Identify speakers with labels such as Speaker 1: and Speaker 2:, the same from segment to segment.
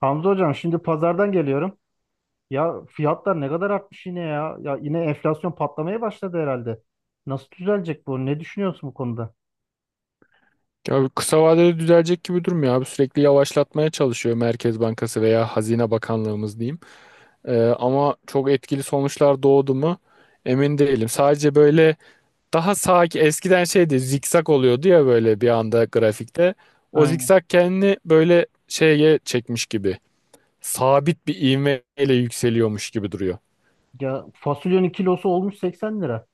Speaker 1: Hamza hocam şimdi pazardan geliyorum. Ya fiyatlar ne kadar artmış yine ya. Ya yine enflasyon patlamaya başladı herhalde. Nasıl düzelecek bu? Ne düşünüyorsun bu konuda?
Speaker 2: Ya kısa vadede düzelecek gibi durmuyor abi. Sürekli yavaşlatmaya çalışıyor Merkez Bankası veya Hazine Bakanlığımız diyeyim. Ama çok etkili sonuçlar doğdu mu emin değilim. Sadece böyle daha sakin eskiden şeydi, zikzak oluyordu ya, böyle bir anda grafikte. O
Speaker 1: Aynen.
Speaker 2: zikzak kendini böyle şeye çekmiş gibi. Sabit bir ivmeyle yükseliyormuş gibi duruyor.
Speaker 1: Ya fasulyenin kilosu olmuş 80 lira.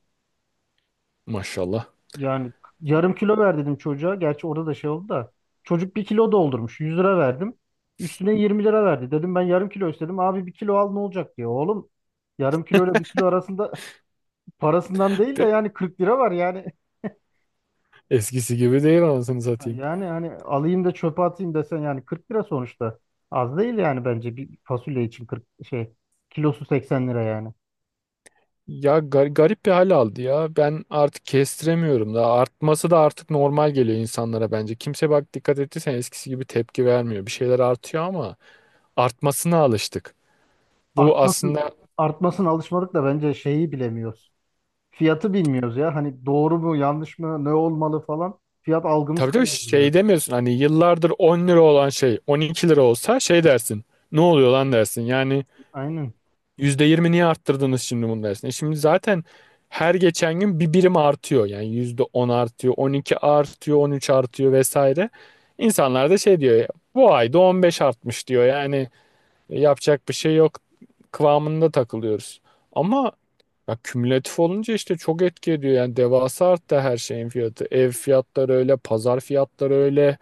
Speaker 2: Maşallah.
Speaker 1: Yani yarım kilo ver dedim çocuğa. Gerçi orada da şey oldu da. Çocuk bir kilo doldurmuş. 100 lira verdim. Üstüne 20 lira verdi. Dedim ben yarım kilo istedim. Abi bir kilo al ne olacak diye. Oğlum yarım kilo ile bir kilo arasında parasından değil de yani 40 lira var yani.
Speaker 2: Eskisi gibi değil, anasını
Speaker 1: Ha,
Speaker 2: satayım.
Speaker 1: yani hani alayım da çöpe atayım desen yani 40 lira sonuçta. Az değil yani bence bir fasulye için 40 şey kilosu 80 lira yani.
Speaker 2: Ya garip bir hal aldı ya. Ben artık kestiremiyorum da. Artması da artık normal geliyor insanlara bence. Kimse, bak dikkat ettiysen, eskisi gibi tepki vermiyor. Bir şeyler artıyor ama artmasına alıştık. Bu
Speaker 1: Artmasın
Speaker 2: aslında,
Speaker 1: artmasın alışmadık da bence şeyi bilemiyoruz. Fiyatı bilmiyoruz ya. Hani doğru mu yanlış mı ne olmalı falan. Fiyat algımız
Speaker 2: tabii tabii,
Speaker 1: kayboldu biraz.
Speaker 2: şey demiyorsun, hani yıllardır 10 lira olan şey 12 lira olsa şey dersin. Ne oluyor lan dersin. Yani
Speaker 1: Aynen.
Speaker 2: %20 niye arttırdınız şimdi bunu dersin? E şimdi zaten her geçen gün bir birim artıyor. Yani %10 artıyor, 12 artıyor, 13 artıyor vesaire. İnsanlar da şey diyor, bu ayda 15 artmış diyor. Yani E, yapacak bir şey yok kıvamında takılıyoruz. Ama ya, kümülatif olunca işte çok etki ediyor. Yani devasa arttı her şeyin fiyatı. Ev fiyatları öyle, pazar fiyatları öyle.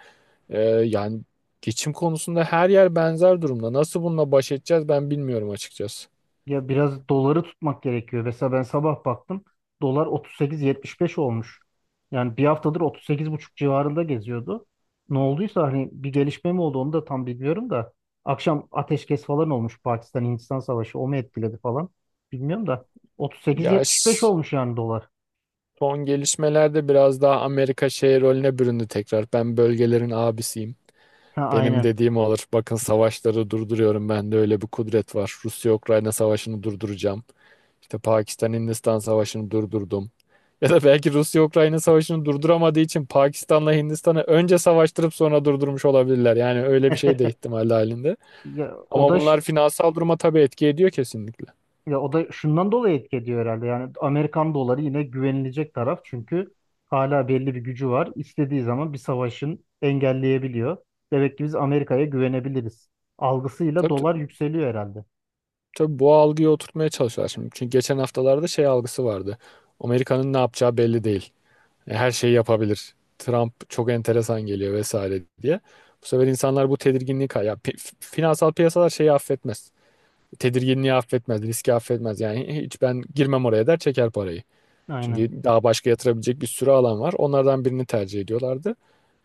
Speaker 2: Yani geçim konusunda her yer benzer durumda. Nasıl bununla baş edeceğiz, ben bilmiyorum açıkçası.
Speaker 1: Ya biraz doları tutmak gerekiyor. Mesela ben sabah baktım. Dolar 38,75 olmuş. Yani bir haftadır otuz sekiz buçuk civarında geziyordu. Ne olduysa hani bir gelişme mi oldu onu da tam bilmiyorum da. Akşam ateşkes falan olmuş Pakistan-Hindistan savaşı. O mu etkiledi falan? Bilmiyorum da.
Speaker 2: Ya
Speaker 1: 38,75 olmuş yani dolar.
Speaker 2: son gelişmelerde biraz daha Amerika şey rolüne büründü tekrar. Ben bölgelerin abisiyim.
Speaker 1: Ha,
Speaker 2: Benim
Speaker 1: aynen.
Speaker 2: dediğim olur. Bakın, savaşları durduruyorum. Bende öyle bir kudret var. Rusya-Ukrayna savaşını durduracağım. İşte Pakistan-Hindistan savaşını durdurdum. Ya da belki Rusya-Ukrayna savaşını durduramadığı için Pakistan'la Hindistan'ı önce savaştırıp sonra durdurmuş olabilirler. Yani öyle bir şey de ihtimal halinde.
Speaker 1: Ya, o
Speaker 2: Ama
Speaker 1: da
Speaker 2: bunlar finansal duruma tabii etki ediyor kesinlikle.
Speaker 1: Ya o da şundan dolayı etki ediyor herhalde. Yani Amerikan doları yine güvenilecek taraf çünkü hala belli bir gücü var. İstediği zaman bir savaşın engelleyebiliyor. Demek ki biz Amerika'ya güvenebiliriz. Algısıyla dolar
Speaker 2: Tabii.
Speaker 1: yükseliyor herhalde.
Speaker 2: Tabii bu algıyı oturtmaya çalışıyorlar şimdi. Çünkü geçen haftalarda şey algısı vardı. Amerika'nın ne yapacağı belli değil. E, her şeyi yapabilir. Trump çok enteresan geliyor vesaire diye. Bu sefer insanlar bu tedirginliği finansal piyasalar şeyi affetmez. Tedirginliği affetmez, riski affetmez. Yani hiç ben girmem oraya der, çeker parayı.
Speaker 1: Aynen.
Speaker 2: Çünkü daha başka yatırabilecek bir sürü alan var. Onlardan birini tercih ediyorlardı.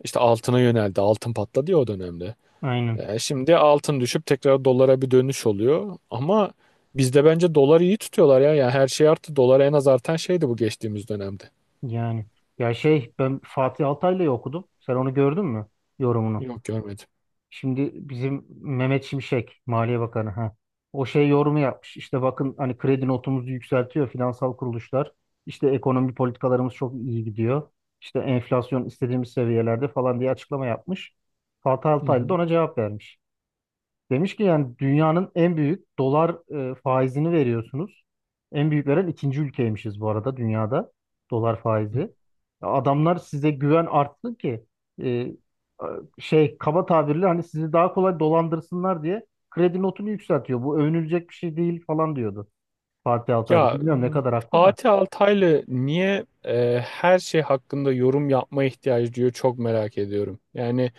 Speaker 2: İşte altına yöneldi. Altın patladı ya o dönemde.
Speaker 1: Aynen.
Speaker 2: E, şimdi altın düşüp tekrar dolara bir dönüş oluyor. Ama bizde bence doları iyi tutuyorlar ya. Yani her şey arttı. Dolar en az artan şeydi bu geçtiğimiz dönemde.
Speaker 1: Yani ya şey ben Fatih Altaylı'yı okudum. Sen onu gördün mü? Yorumunu.
Speaker 2: Yok, görmedim.
Speaker 1: Şimdi bizim Mehmet Şimşek, Maliye Bakanı ha. O şey yorumu yapmış. İşte bakın hani kredi notumuzu yükseltiyor finansal kuruluşlar. İşte ekonomi politikalarımız çok iyi gidiyor. İşte enflasyon istediğimiz seviyelerde falan diye açıklama yapmış. Fatih
Speaker 2: Hı
Speaker 1: Altaylı da
Speaker 2: hı.
Speaker 1: ona cevap vermiş. Demiş ki yani dünyanın en büyük dolar faizini veriyorsunuz. En büyük veren ikinci ülkeymişiz bu arada dünyada dolar faizi. Ya adamlar size güven artsın ki e, şey kaba tabirle hani sizi daha kolay dolandırsınlar diye kredi notunu yükseltiyor. Bu övünülecek bir şey değil falan diyordu Fatih Altaylı.
Speaker 2: Ya
Speaker 1: Bilmiyorum ne kadar haklı da.
Speaker 2: Fatih Altaylı niye her şey hakkında yorum yapmaya ihtiyacı duyuyor, çok merak ediyorum. Yani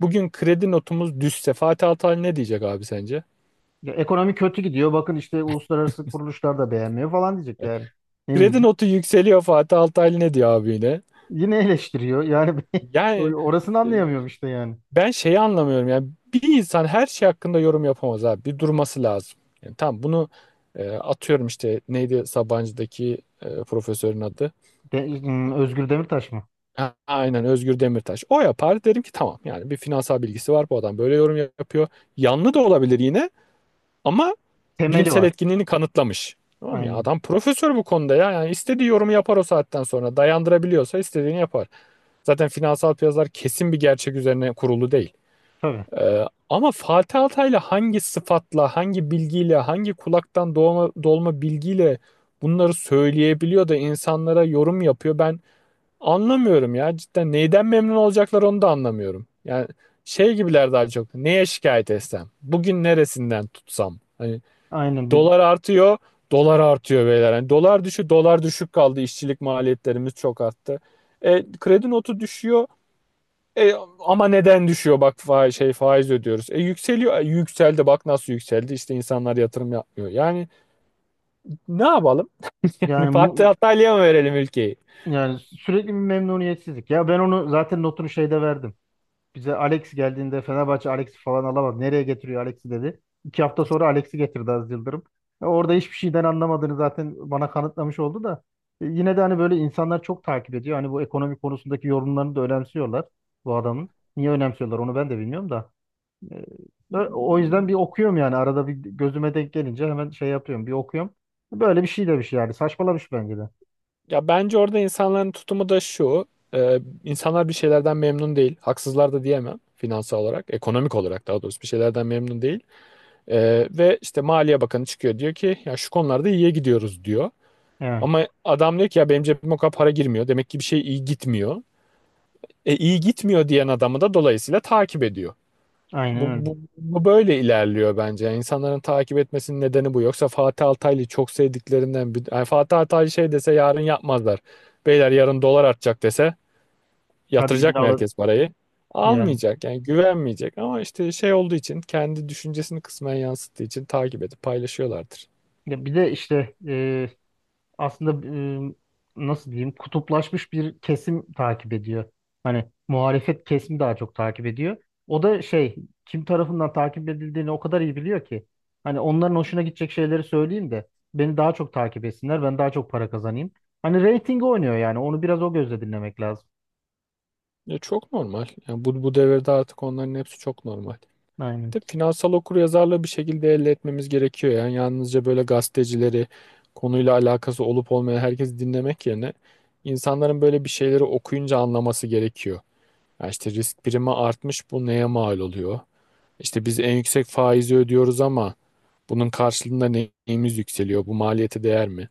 Speaker 2: bugün kredi notumuz düşse Fatih Altaylı ne diyecek abi sence?
Speaker 1: Ya ekonomi kötü gidiyor. Bakın işte uluslararası kuruluşlar da beğenmiyor falan diyecek
Speaker 2: Evet.
Speaker 1: yani. Ne
Speaker 2: Kredi
Speaker 1: diyeyim?
Speaker 2: notu yükseliyor, Fatih Altaylı ne diyor abi yine?
Speaker 1: Yine eleştiriyor. Yani
Speaker 2: Yani,
Speaker 1: orasını
Speaker 2: e,
Speaker 1: anlayamıyorum işte yani.
Speaker 2: ben şeyi anlamıyorum yani, bir insan her şey hakkında yorum yapamaz abi. Bir durması lazım. Yani tam bunu, atıyorum işte neydi Sabancı'daki profesörün adı?
Speaker 1: Özgür Demirtaş mı?
Speaker 2: Ha, aynen, Özgür Demirtaş. O yapar, derim ki tamam, yani bir finansal bilgisi var bu adam, böyle yorum yapıyor. Yanlı da olabilir yine ama
Speaker 1: Temeli
Speaker 2: bilimsel
Speaker 1: var.
Speaker 2: etkinliğini kanıtlamış. Tamam ya,
Speaker 1: Aynen.
Speaker 2: adam profesör bu konuda ya, yani istediği yorumu yapar, o saatten sonra dayandırabiliyorsa istediğini yapar. Zaten finansal piyasalar kesin bir gerçek üzerine kurulu değil.
Speaker 1: Tabii.
Speaker 2: Ama Fatih Altaylı hangi sıfatla, hangi bilgiyle, hangi kulaktan doğma, dolma bilgiyle bunları söyleyebiliyor da insanlara yorum yapıyor? Ben anlamıyorum ya cidden, neyden memnun olacaklar onu da anlamıyorum. Yani şey gibiler daha çok, neye şikayet etsem, bugün neresinden tutsam. Hani
Speaker 1: Aynen.
Speaker 2: dolar artıyor, dolar artıyor beyler. Hani dolar düşük kaldı, İşçilik maliyetlerimiz çok arttı. E, kredi notu düşüyor. E, ama neden düşüyor bak, faiz, şey faiz ödüyoruz. E yükseliyor. E, yükseldi bak nasıl yükseldi. İşte insanlar yatırım yapmıyor. Yani ne yapalım? Yani
Speaker 1: Yani
Speaker 2: Fatih
Speaker 1: mu,
Speaker 2: Altaylı'ya mı verelim ülkeyi?
Speaker 1: yani sürekli bir memnuniyetsizlik. Ya ben onu zaten notunu şeyde verdim. Bize Alex geldiğinde Fenerbahçe Alex'i falan alamadı. Nereye getiriyor Alex'i dedi. 2 hafta sonra Alex'i getirdi Aziz Yıldırım. Ya orada hiçbir şeyden anlamadığını zaten bana kanıtlamış oldu da. E, Yine de hani böyle insanlar çok takip ediyor. Hani bu ekonomi konusundaki yorumlarını da önemsiyorlar bu adamın. Niye önemsiyorlar onu ben de bilmiyorum da. Ee, O yüzden bir okuyorum yani arada bir gözüme denk gelince hemen şey yapıyorum bir okuyorum. Böyle bir şey demiş yani saçmalamış bence de.
Speaker 2: Ya bence orada insanların tutumu da şu. E, insanlar bir şeylerden memnun değil. Haksızlar da diyemem, finansal olarak, ekonomik olarak daha doğrusu bir şeylerden memnun değil. E, ve işte Maliye Bakanı çıkıyor diyor ki ya şu konularda iyiye gidiyoruz diyor.
Speaker 1: Yani
Speaker 2: Ama adam diyor ki ya benim cebime o kadar para girmiyor. Demek ki bir şey iyi gitmiyor. E, iyi gitmiyor diyen adamı da dolayısıyla takip ediyor.
Speaker 1: aynen
Speaker 2: Bu,
Speaker 1: öyle.
Speaker 2: bu, bu böyle ilerliyor bence. Yani insanların takip etmesinin nedeni bu. Yoksa Fatih Altaylı'yı çok sevdiklerinden bir... Yani Fatih Altaylı şey dese yarın yapmazlar. Beyler yarın dolar artacak dese,
Speaker 1: Hadi gidin
Speaker 2: yatıracak mı
Speaker 1: alın
Speaker 2: herkes parayı?
Speaker 1: yani.
Speaker 2: Almayacak, yani güvenmeyecek, ama işte şey olduğu için, kendi düşüncesini kısmen yansıttığı için takip edip paylaşıyorlardır.
Speaker 1: Ya bir de işte aslında e, nasıl diyeyim kutuplaşmış bir kesim takip ediyor. Hani muhalefet kesimi daha çok takip ediyor. O da şey kim tarafından takip edildiğini o kadar iyi biliyor ki. Hani onların hoşuna gidecek şeyleri söyleyeyim de beni daha çok takip etsinler ben daha çok para kazanayım. Hani reyting oynuyor yani onu biraz o gözle dinlemek lazım.
Speaker 2: E, çok normal. Yani bu, bu devirde artık onların hepsi çok normal.
Speaker 1: Aynen.
Speaker 2: De finansal okuryazarlığı bir şekilde elde etmemiz gerekiyor. Yani yalnızca böyle gazetecileri, konuyla alakası olup olmayan herkesi dinlemek yerine insanların böyle bir şeyleri okuyunca anlaması gerekiyor. Ya işte risk primi artmış, bu neye mal oluyor? İşte biz en yüksek faizi ödüyoruz ama bunun karşılığında neyimiz yükseliyor? Bu maliyete değer mi?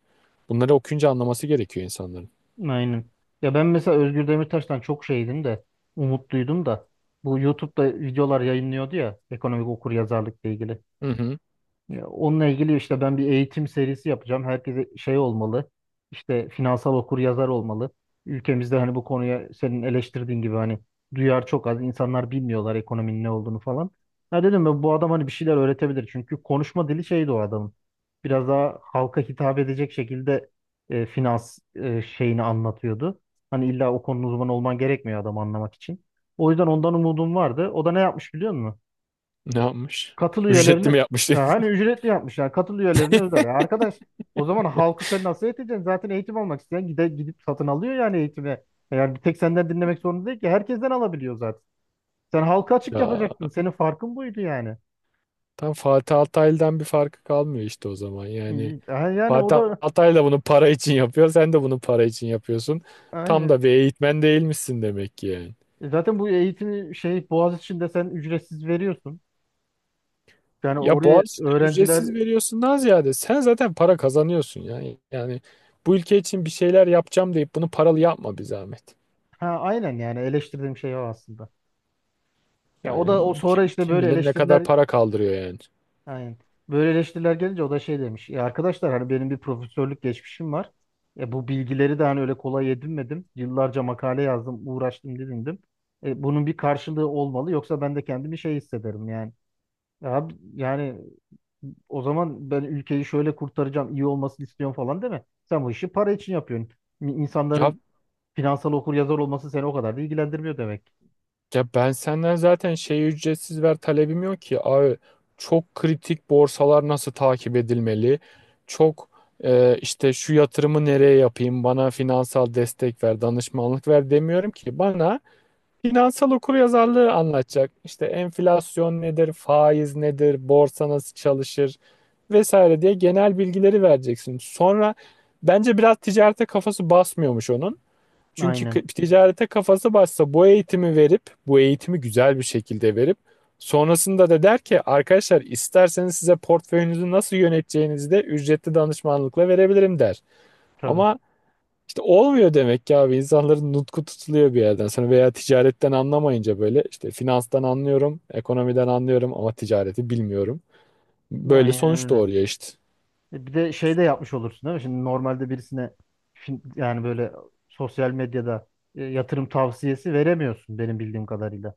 Speaker 2: Bunları okuyunca anlaması gerekiyor insanların.
Speaker 1: Aynen. Ya ben mesela Özgür Demirtaş'tan çok şeydim de umutluydum da bu YouTube'da videolar yayınlıyordu ya ekonomik okuryazarlıkla ilgili.
Speaker 2: Hı hı.
Speaker 1: Ya onunla ilgili işte ben bir eğitim serisi yapacağım. Herkese şey olmalı. İşte finansal okuryazar olmalı. Ülkemizde hani bu konuya senin eleştirdiğin gibi hani duyar çok az. İnsanlar bilmiyorlar ekonominin ne olduğunu falan. Ya dedim ben bu adam hani bir şeyler öğretebilir. Çünkü konuşma dili şeydi o adamın. Biraz daha halka hitap edecek şekilde finans şeyini anlatıyordu. Hani illa o konunun uzmanı olman gerekmiyor adam anlamak için. O yüzden ondan umudum vardı. O da ne yapmış biliyor musun?
Speaker 2: Ne yapmış?
Speaker 1: Katıl üyelerini
Speaker 2: Ücretli mi yapmıştı?
Speaker 1: hani ücretli yapmış yani katıl üyelerini özel. Ya arkadaş o zaman halkı sen nasıl eğiteceksin? Zaten eğitim almak isteyen gidip satın alıyor yani eğitimi. Yani bir tek senden dinlemek zorunda değil ki herkesten alabiliyor zaten. Sen halka açık
Speaker 2: Ya
Speaker 1: yapacaktın. Senin farkın buydu yani.
Speaker 2: tam Fatih Altaylı'dan bir farkı kalmıyor işte o zaman. Yani
Speaker 1: İyi, ha, yani o
Speaker 2: Fatih
Speaker 1: da
Speaker 2: Altay da bunu para için yapıyor. Sen de bunu para için yapıyorsun. Tam
Speaker 1: aynen.
Speaker 2: da bir eğitmen değilmişsin demek ki yani.
Speaker 1: E, Zaten bu eğitimi şey Boğaziçi'nde sen ücretsiz veriyorsun. Yani
Speaker 2: Ya
Speaker 1: oraya
Speaker 2: Boğaziçi'ne
Speaker 1: öğrenciler
Speaker 2: ücretsiz veriyorsun daha ziyade, sen zaten para kazanıyorsun yani. Yani bu ülke için bir şeyler yapacağım deyip bunu paralı yapma bir zahmet.
Speaker 1: ha aynen yani eleştirdiğim şey o aslında. Ya o da
Speaker 2: Yani
Speaker 1: o sonra
Speaker 2: kim,
Speaker 1: işte
Speaker 2: kim
Speaker 1: böyle
Speaker 2: bilir ne kadar
Speaker 1: eleştiriler
Speaker 2: para kaldırıyor yani.
Speaker 1: aynen. Böyle eleştiriler gelince o da şey demiş. Ya arkadaşlar hani benim bir profesörlük geçmişim var. E bu bilgileri de hani öyle kolay edinmedim. Yıllarca makale yazdım, uğraştım, didindim. E bunun bir karşılığı olmalı yoksa ben de kendimi şey hissederim yani. Ya yani o zaman ben ülkeyi şöyle kurtaracağım, iyi olmasını istiyorum falan deme. Sen bu işi para için yapıyorsun.
Speaker 2: Ya
Speaker 1: İnsanların finansal okur yazar olması seni o kadar da ilgilendirmiyor demek.
Speaker 2: Ya ben senden zaten şey, ücretsiz ver talebim yok ki. Abi çok kritik borsalar nasıl takip edilmeli? Çok, işte şu yatırımı nereye yapayım? Bana finansal destek ver, danışmanlık ver demiyorum ki. Bana finansal okuryazarlığı anlatacak. İşte enflasyon nedir, faiz nedir, borsa nasıl çalışır vesaire diye genel bilgileri vereceksin. Sonra, bence biraz ticarete kafası basmıyormuş onun. Çünkü
Speaker 1: Aynen.
Speaker 2: ticarete kafası başsa bu eğitimi verip, bu eğitimi güzel bir şekilde verip, sonrasında da der ki arkadaşlar isterseniz size portföyünüzü nasıl yöneteceğinizi de ücretli danışmanlıkla verebilirim der.
Speaker 1: Tabii.
Speaker 2: Ama işte olmuyor demek ki abi, insanların nutku tutuluyor bir yerden sonra, veya ticaretten anlamayınca böyle işte finanstan anlıyorum, ekonomiden anlıyorum ama ticareti bilmiyorum. Böyle
Speaker 1: Aynen
Speaker 2: sonuç
Speaker 1: öyle.
Speaker 2: doğuruyor işte.
Speaker 1: E, Bir de şey de yapmış olursun değil mi? Şimdi normalde birisine yani böyle sosyal medyada yatırım tavsiyesi veremiyorsun benim bildiğim kadarıyla.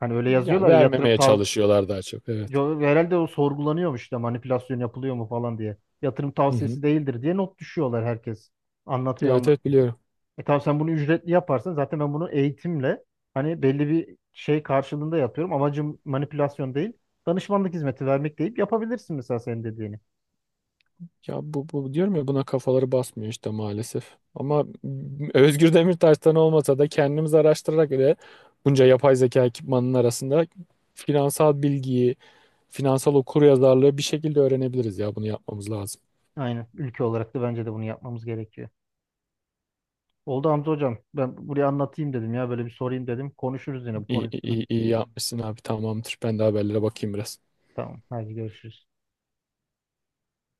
Speaker 1: Hani öyle
Speaker 2: Yani
Speaker 1: yazıyorlar ya yatırım
Speaker 2: vermemeye
Speaker 1: tavsiyesi
Speaker 2: çalışıyorlar daha çok, evet.
Speaker 1: herhalde o sorgulanıyormuş işte manipülasyon yapılıyor mu falan diye. Yatırım
Speaker 2: Hı hı.
Speaker 1: tavsiyesi değildir diye not düşüyorlar herkes. Anlatıyor
Speaker 2: Evet, evet,
Speaker 1: anlatıyor.
Speaker 2: biliyorum.
Speaker 1: E tamam sen bunu ücretli yaparsan zaten ben bunu eğitimle hani belli bir şey karşılığında yapıyorum. Amacım manipülasyon değil. Danışmanlık hizmeti vermek deyip yapabilirsin mesela senin dediğini.
Speaker 2: Ya bu, bu diyorum ya, buna kafaları basmıyor işte maalesef. Ama Özgür Demirtaş'tan olmasa da kendimiz araştırarak ve bunca yapay zeka ekipmanının arasında finansal bilgiyi, finansal okuryazarlığı bir şekilde öğrenebiliriz ya, bunu yapmamız lazım.
Speaker 1: Aynen. Ülke olarak da bence de bunu yapmamız gerekiyor. Oldu Hamza hocam. Ben buraya anlatayım dedim ya. Böyle bir sorayım dedim. Konuşuruz yine bu konu
Speaker 2: İyi, iyi,
Speaker 1: üstüne.
Speaker 2: iyi iyi yapmışsın abi, tamamdır. Ben de haberlere bakayım biraz.
Speaker 1: Tamam. Hadi görüşürüz.